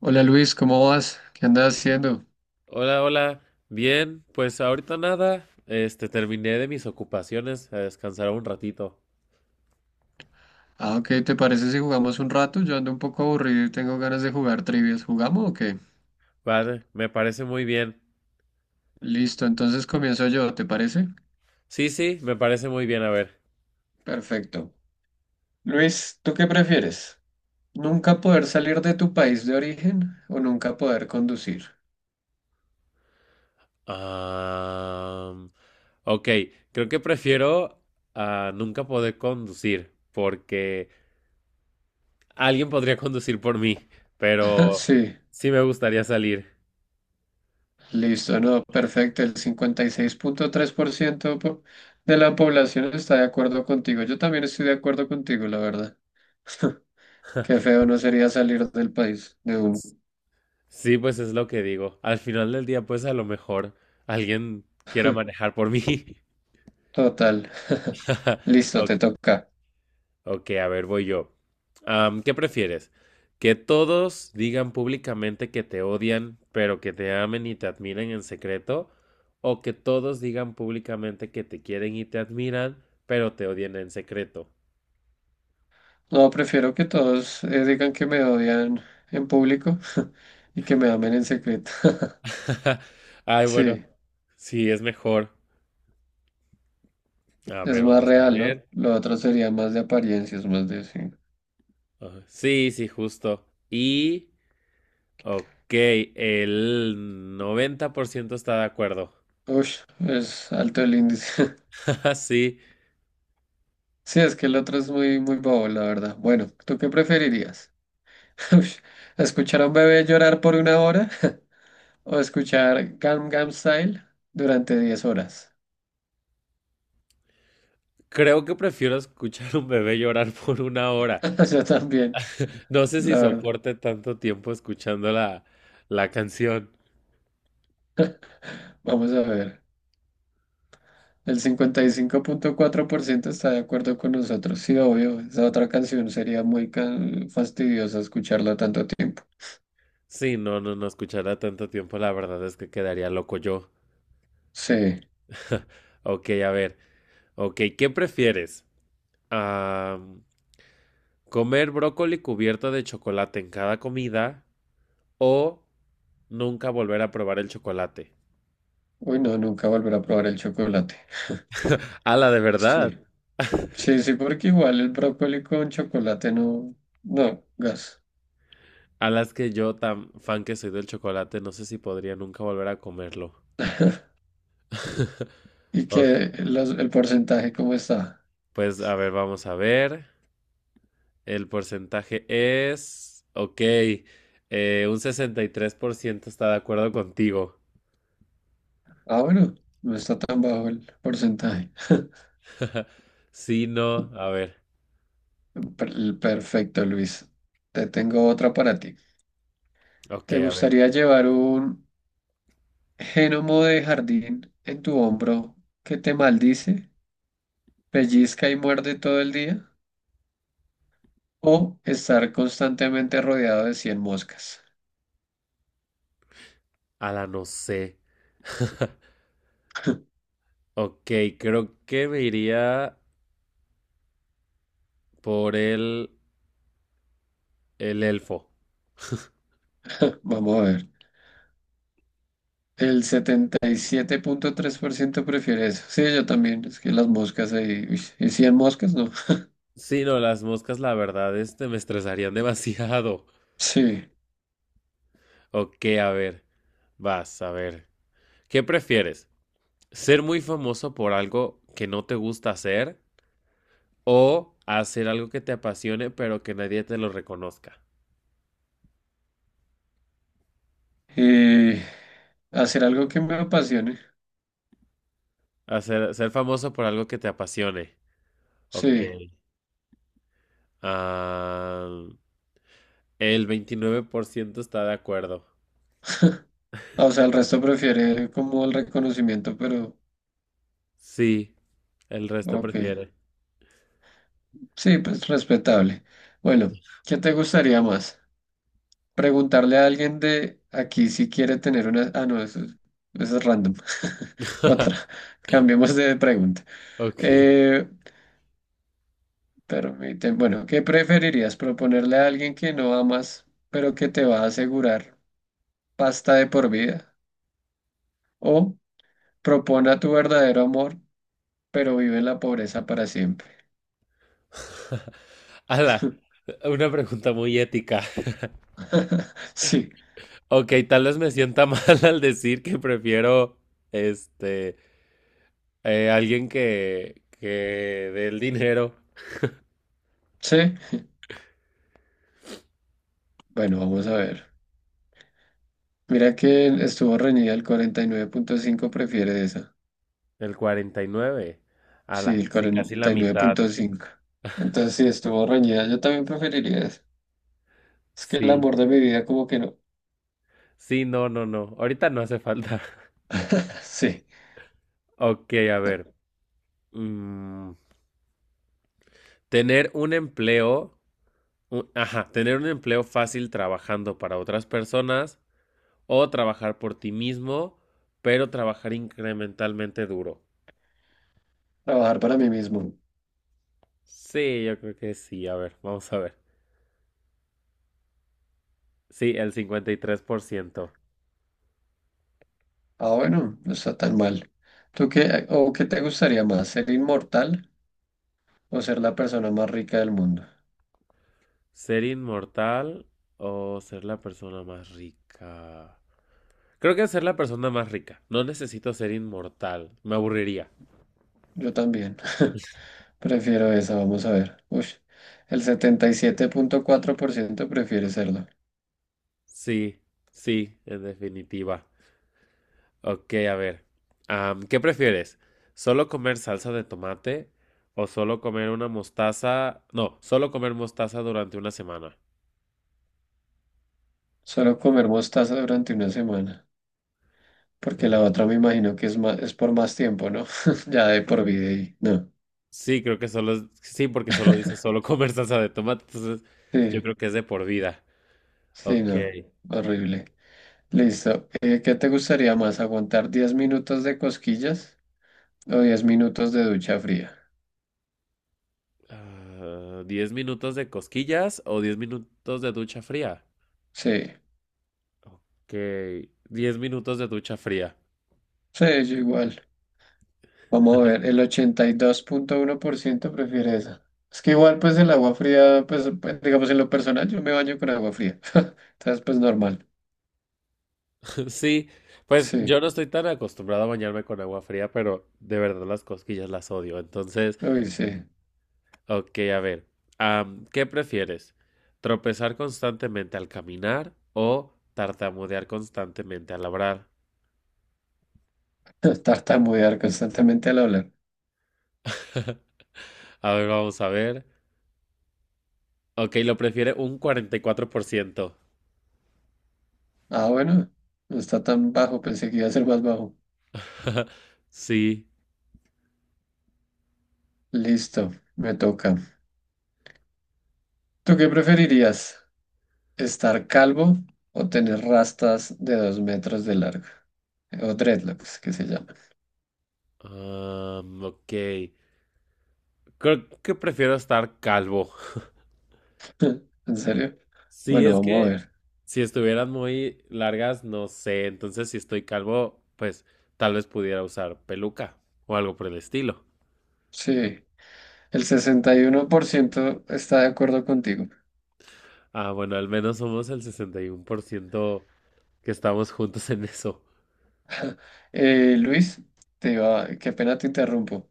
Hola Luis, ¿cómo vas? ¿Qué andas haciendo? Hola, hola. Bien, pues ahorita nada. Terminé de mis ocupaciones. A descansar un ratito. Ah, ok, ¿te parece si jugamos un rato? Yo ando un poco aburrido y tengo ganas de jugar trivias. ¿Jugamos o qué? Vale, me parece muy bien. Listo, entonces comienzo yo, ¿te parece? Sí, sí, me parece muy bien. A ver. Perfecto. Luis, ¿tú qué prefieres? ¿Nunca poder salir de tu país de origen o nunca poder conducir? Am, ok, creo que prefiero a nunca poder conducir. Porque alguien podría conducir por mí. Pero Sí, sí me gustaría salir. listo, no, perfecto. El 56.3% de la población está de acuerdo contigo. Yo también estoy de acuerdo contigo, la verdad. Qué feo no sería salir del país, de un Sí, pues es lo que digo. Al final del día, pues a lo mejor alguien quiera manejar por mí. total. Listo, Ok, te toca. Ok, a ver, voy yo. ¿Qué prefieres? ¿Que todos digan públicamente que te odian, pero que te amen y te admiren en secreto? ¿O que todos digan públicamente que te quieren y te admiran, pero te odian en secreto? No, prefiero que todos digan que me odian en público y que me amen en secreto. Ay, bueno, Sí, sí, es mejor. A es ver, más vamos a real, ¿no? ver. Lo otro sería más de apariencias, más de sí. Ajá, sí, sí, justo. Ok, el 90% está de acuerdo. Ush, es alto el índice. Sí, Sí, es que el otro es muy bobo, la verdad. Bueno, ¿tú qué preferirías? Ush, ¿escuchar a un bebé llorar por una hora o escuchar Gangnam Style durante 10 horas? creo que prefiero escuchar a un bebé llorar por una hora. Yo también, No sé si la verdad. soporte tanto tiempo escuchando la canción. Vamos a ver. El cincuenta y cinco punto cuatro por ciento está de acuerdo con nosotros. Sí, obvio. Esa otra canción sería muy fastidiosa escucharla tanto tiempo. Sí, no escuchará tanto tiempo, la verdad es que quedaría loco yo. Sí. Ok, a ver. Ok, ¿qué prefieres? Ah, ¿comer brócoli cubierto de chocolate en cada comida o nunca volver a probar el chocolate? Uy, no, nunca volver a probar el chocolate. A la de Sí. verdad. Sí, sí, porque igual el brócoli con chocolate no, no, gas. A las que yo, tan fan que soy del chocolate, no sé si podría nunca volver a comerlo. Y Ok, que el porcentaje, ¿cómo está? pues a ver, vamos a ver. El porcentaje es, ok, un 63% está de acuerdo contigo. Ah, bueno, no está tan bajo el porcentaje. Sí, no, a ver, Perfecto, Luis. Te tengo otra para ti. ok, ¿Te a ver, gustaría llevar un Génomo de jardín en tu hombro que te maldice, pellizca y muerde todo el día, o estar constantemente rodeado de 100 moscas? a la no sé. Ok, creo que me iría por el elfo. Vamos a ver. El setenta y siete punto tres por ciento prefiere eso. Sí, yo también. Es que las moscas ahí. Uy, ¿y 100 moscas? No. Sí, no, las moscas, la verdad, este me estresarían demasiado. Sí. Ok, a ver, vas, a ver. ¿Qué prefieres? ¿Ser muy famoso por algo que no te gusta hacer? O hacer algo que te apasione, pero que nadie te lo reconozca. Y hacer algo que me apasione. Hacer, ser famoso por algo que te apasione. Ok. Sí. Ah, el 29% está de acuerdo. Ah, o sea, el resto prefiere como el reconocimiento, pero Sí, el resto ok. prefiere. Sí, pues respetable. Bueno, ¿qué te gustaría más? Preguntarle a alguien de aquí si quiere tener una... Ah, no, eso es random. Otra. Cambiemos de pregunta. Ok. Eh, permíteme, bueno, ¿qué preferirías? ¿Proponerle a alguien que no amas, pero que te va a asegurar pasta de por vida? ¿O propone a tu verdadero amor, pero vive en la pobreza para siempre? Ala, una pregunta muy ética. Sí, Ok, tal vez me sienta mal al decir que prefiero, este, alguien que dé el dinero. sí. Bueno, vamos a ver. Mira que estuvo reñida el 49.5, prefiere esa. El 49, Sí, ala, el sí, casi la cuarenta y nueve mitad. punto cinco. Entonces sí, estuvo reñida. Yo también preferiría eso. Es que el Sí. amor de mi vida como que no. Sí, no. Ahorita no hace falta. Sí, Ok, a no, ver. mm, tener un empleo, ajá, tener un empleo fácil trabajando para otras personas o trabajar por ti mismo, pero trabajar incrementalmente duro. trabajar para mí mismo. Sí, yo creo que sí. A ver, vamos a ver. Sí, el cincuenta y tres por ciento. Ah, bueno, no está tan mal. ¿Tú qué, o qué te gustaría más, ser inmortal o ser la persona más rica del mundo? ¿Ser inmortal o ser la persona más rica? Creo que ser la persona más rica. No necesito ser inmortal. Me aburriría. Yo también. Prefiero esa, vamos a ver. Uy, el setenta y siete punto cuatro por ciento prefiere serlo. Sí, sí, en definitiva. Ok, a ver. ¿Qué prefieres? ¿Solo comer salsa de tomate o solo comer una mostaza? No, solo comer mostaza durante una semana. Solo comer mostaza durante una semana. Porque Ujú. la otra me imagino que es más, es por más tiempo, ¿no? Ya de por vida y no. Sí, creo que solo es... Sí, porque solo dice solo comer salsa de tomate. Entonces, yo Sí, creo que es de por vida. sí, Ok. no. Horrible. Listo. ¿Qué te gustaría más? ¿Aguantar 10 minutos de cosquillas o 10 minutos de ducha fría? Ah, ¿10 minutos de cosquillas o 10 minutos de ducha fría? Sí, Que 10 minutos de ducha fría. sí, yo igual. Vamos a ver, el ochenta y dos punto uno por ciento prefiere esa. Es que igual, pues el agua fría, pues, digamos en lo personal, yo me baño con agua fría. Entonces, pues normal. Sí, pues yo Sí, no estoy tan acostumbrado a bañarme con agua fría, pero de verdad las cosquillas las odio. Entonces, uy, sí. ok, a ver, ¿qué prefieres? ¿Tropezar constantemente al caminar o tartamudear constantemente al hablar? Tartamudear constantemente al hablar. A ver, vamos a ver. Ok, lo prefiere un 44%. Ah, bueno, no está tan bajo, pensé que iba a ser más bajo. Sí. Listo, me toca. ¿Tú qué preferirías? ¿Estar calvo o tener rastas de dos metros de largo? O dreadlocks, que se llama. Ok. Creo que prefiero estar calvo. ¿En serio? Sí, Bueno, es vamos a que ver. si estuvieran muy largas, no sé. Entonces, si estoy calvo, pues tal vez pudiera usar peluca o algo por el estilo. Sí, el 61% está de acuerdo contigo. Ah, bueno, al menos somos el 61% que estamos juntos en eso. Luis, te iba, qué pena te interrumpo.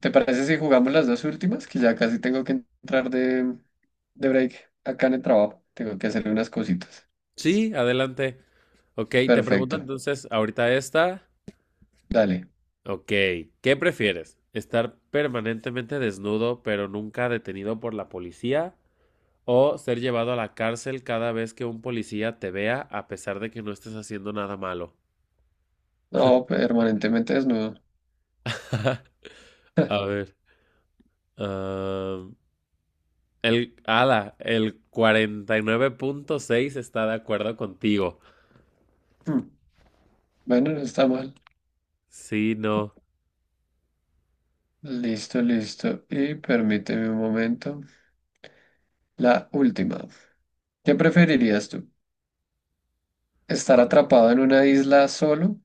¿Te parece si jugamos las dos últimas? Que ya casi tengo que entrar de, de break acá en el trabajo. Tengo que hacer unas cositas. Sí, adelante. Ok, te pregunto Perfecto, entonces, ahorita esta. dale. Ok, ¿qué prefieres? ¿Estar permanentemente desnudo pero nunca detenido por la policía? O ser llevado a la cárcel cada vez que un policía te vea a pesar de que no estés haciendo nada malo. No, permanentemente desnudo. A ver. ah, ala, el cuarenta y nueve punto seis está de acuerdo contigo. Hmm, bueno, no está mal. Sí, no. Listo, listo. Y permíteme un momento. La última. ¿Qué preferirías tú? ¿Estar Ah. atrapado en una isla solo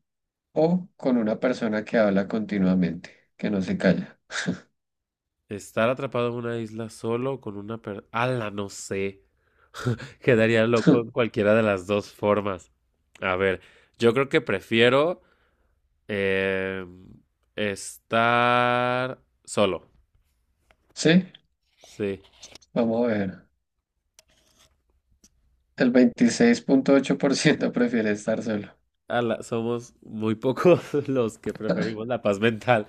o con una persona que habla continuamente, que no se calla? Estar atrapado en una isla solo con una persona. Ala, no sé. Quedaría loco en cualquiera de las dos formas. A ver, yo creo que prefiero em, estar solo. Sí, Sí. vamos a ver. El veintiséis punto ocho por ciento prefiere estar solo. Ala, somos muy pocos los que preferimos la paz mental.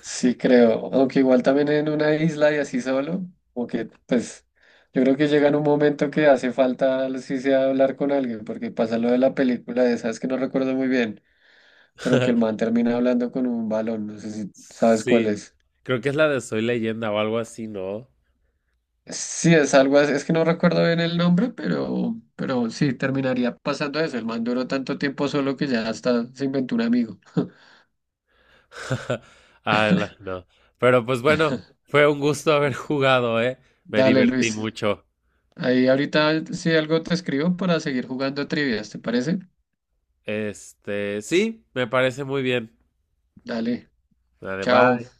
Sí, creo. Aunque igual también en una isla y así solo, como que pues yo creo que llega en un momento que hace falta si sea hablar con alguien, porque pasa lo de la película de esas que no recuerdo muy bien, pero que el man termina hablando con un balón, no sé si sabes cuál Sí, es. creo que es la de Soy Leyenda o algo así, ¿no? Sí, es algo así, es que no recuerdo bien el nombre, pero sí, terminaría pasando eso. El man duró tanto tiempo solo que ya hasta se inventó un amigo. No. Pero pues bueno, fue un gusto haber jugado, ¿eh? Me Dale, divertí Luis. mucho. Ahí ahorita si algo te escribo para seguir jugando trivias, ¿te parece? Este, sí, me parece muy bien. Dale. Vale, Chao. bye.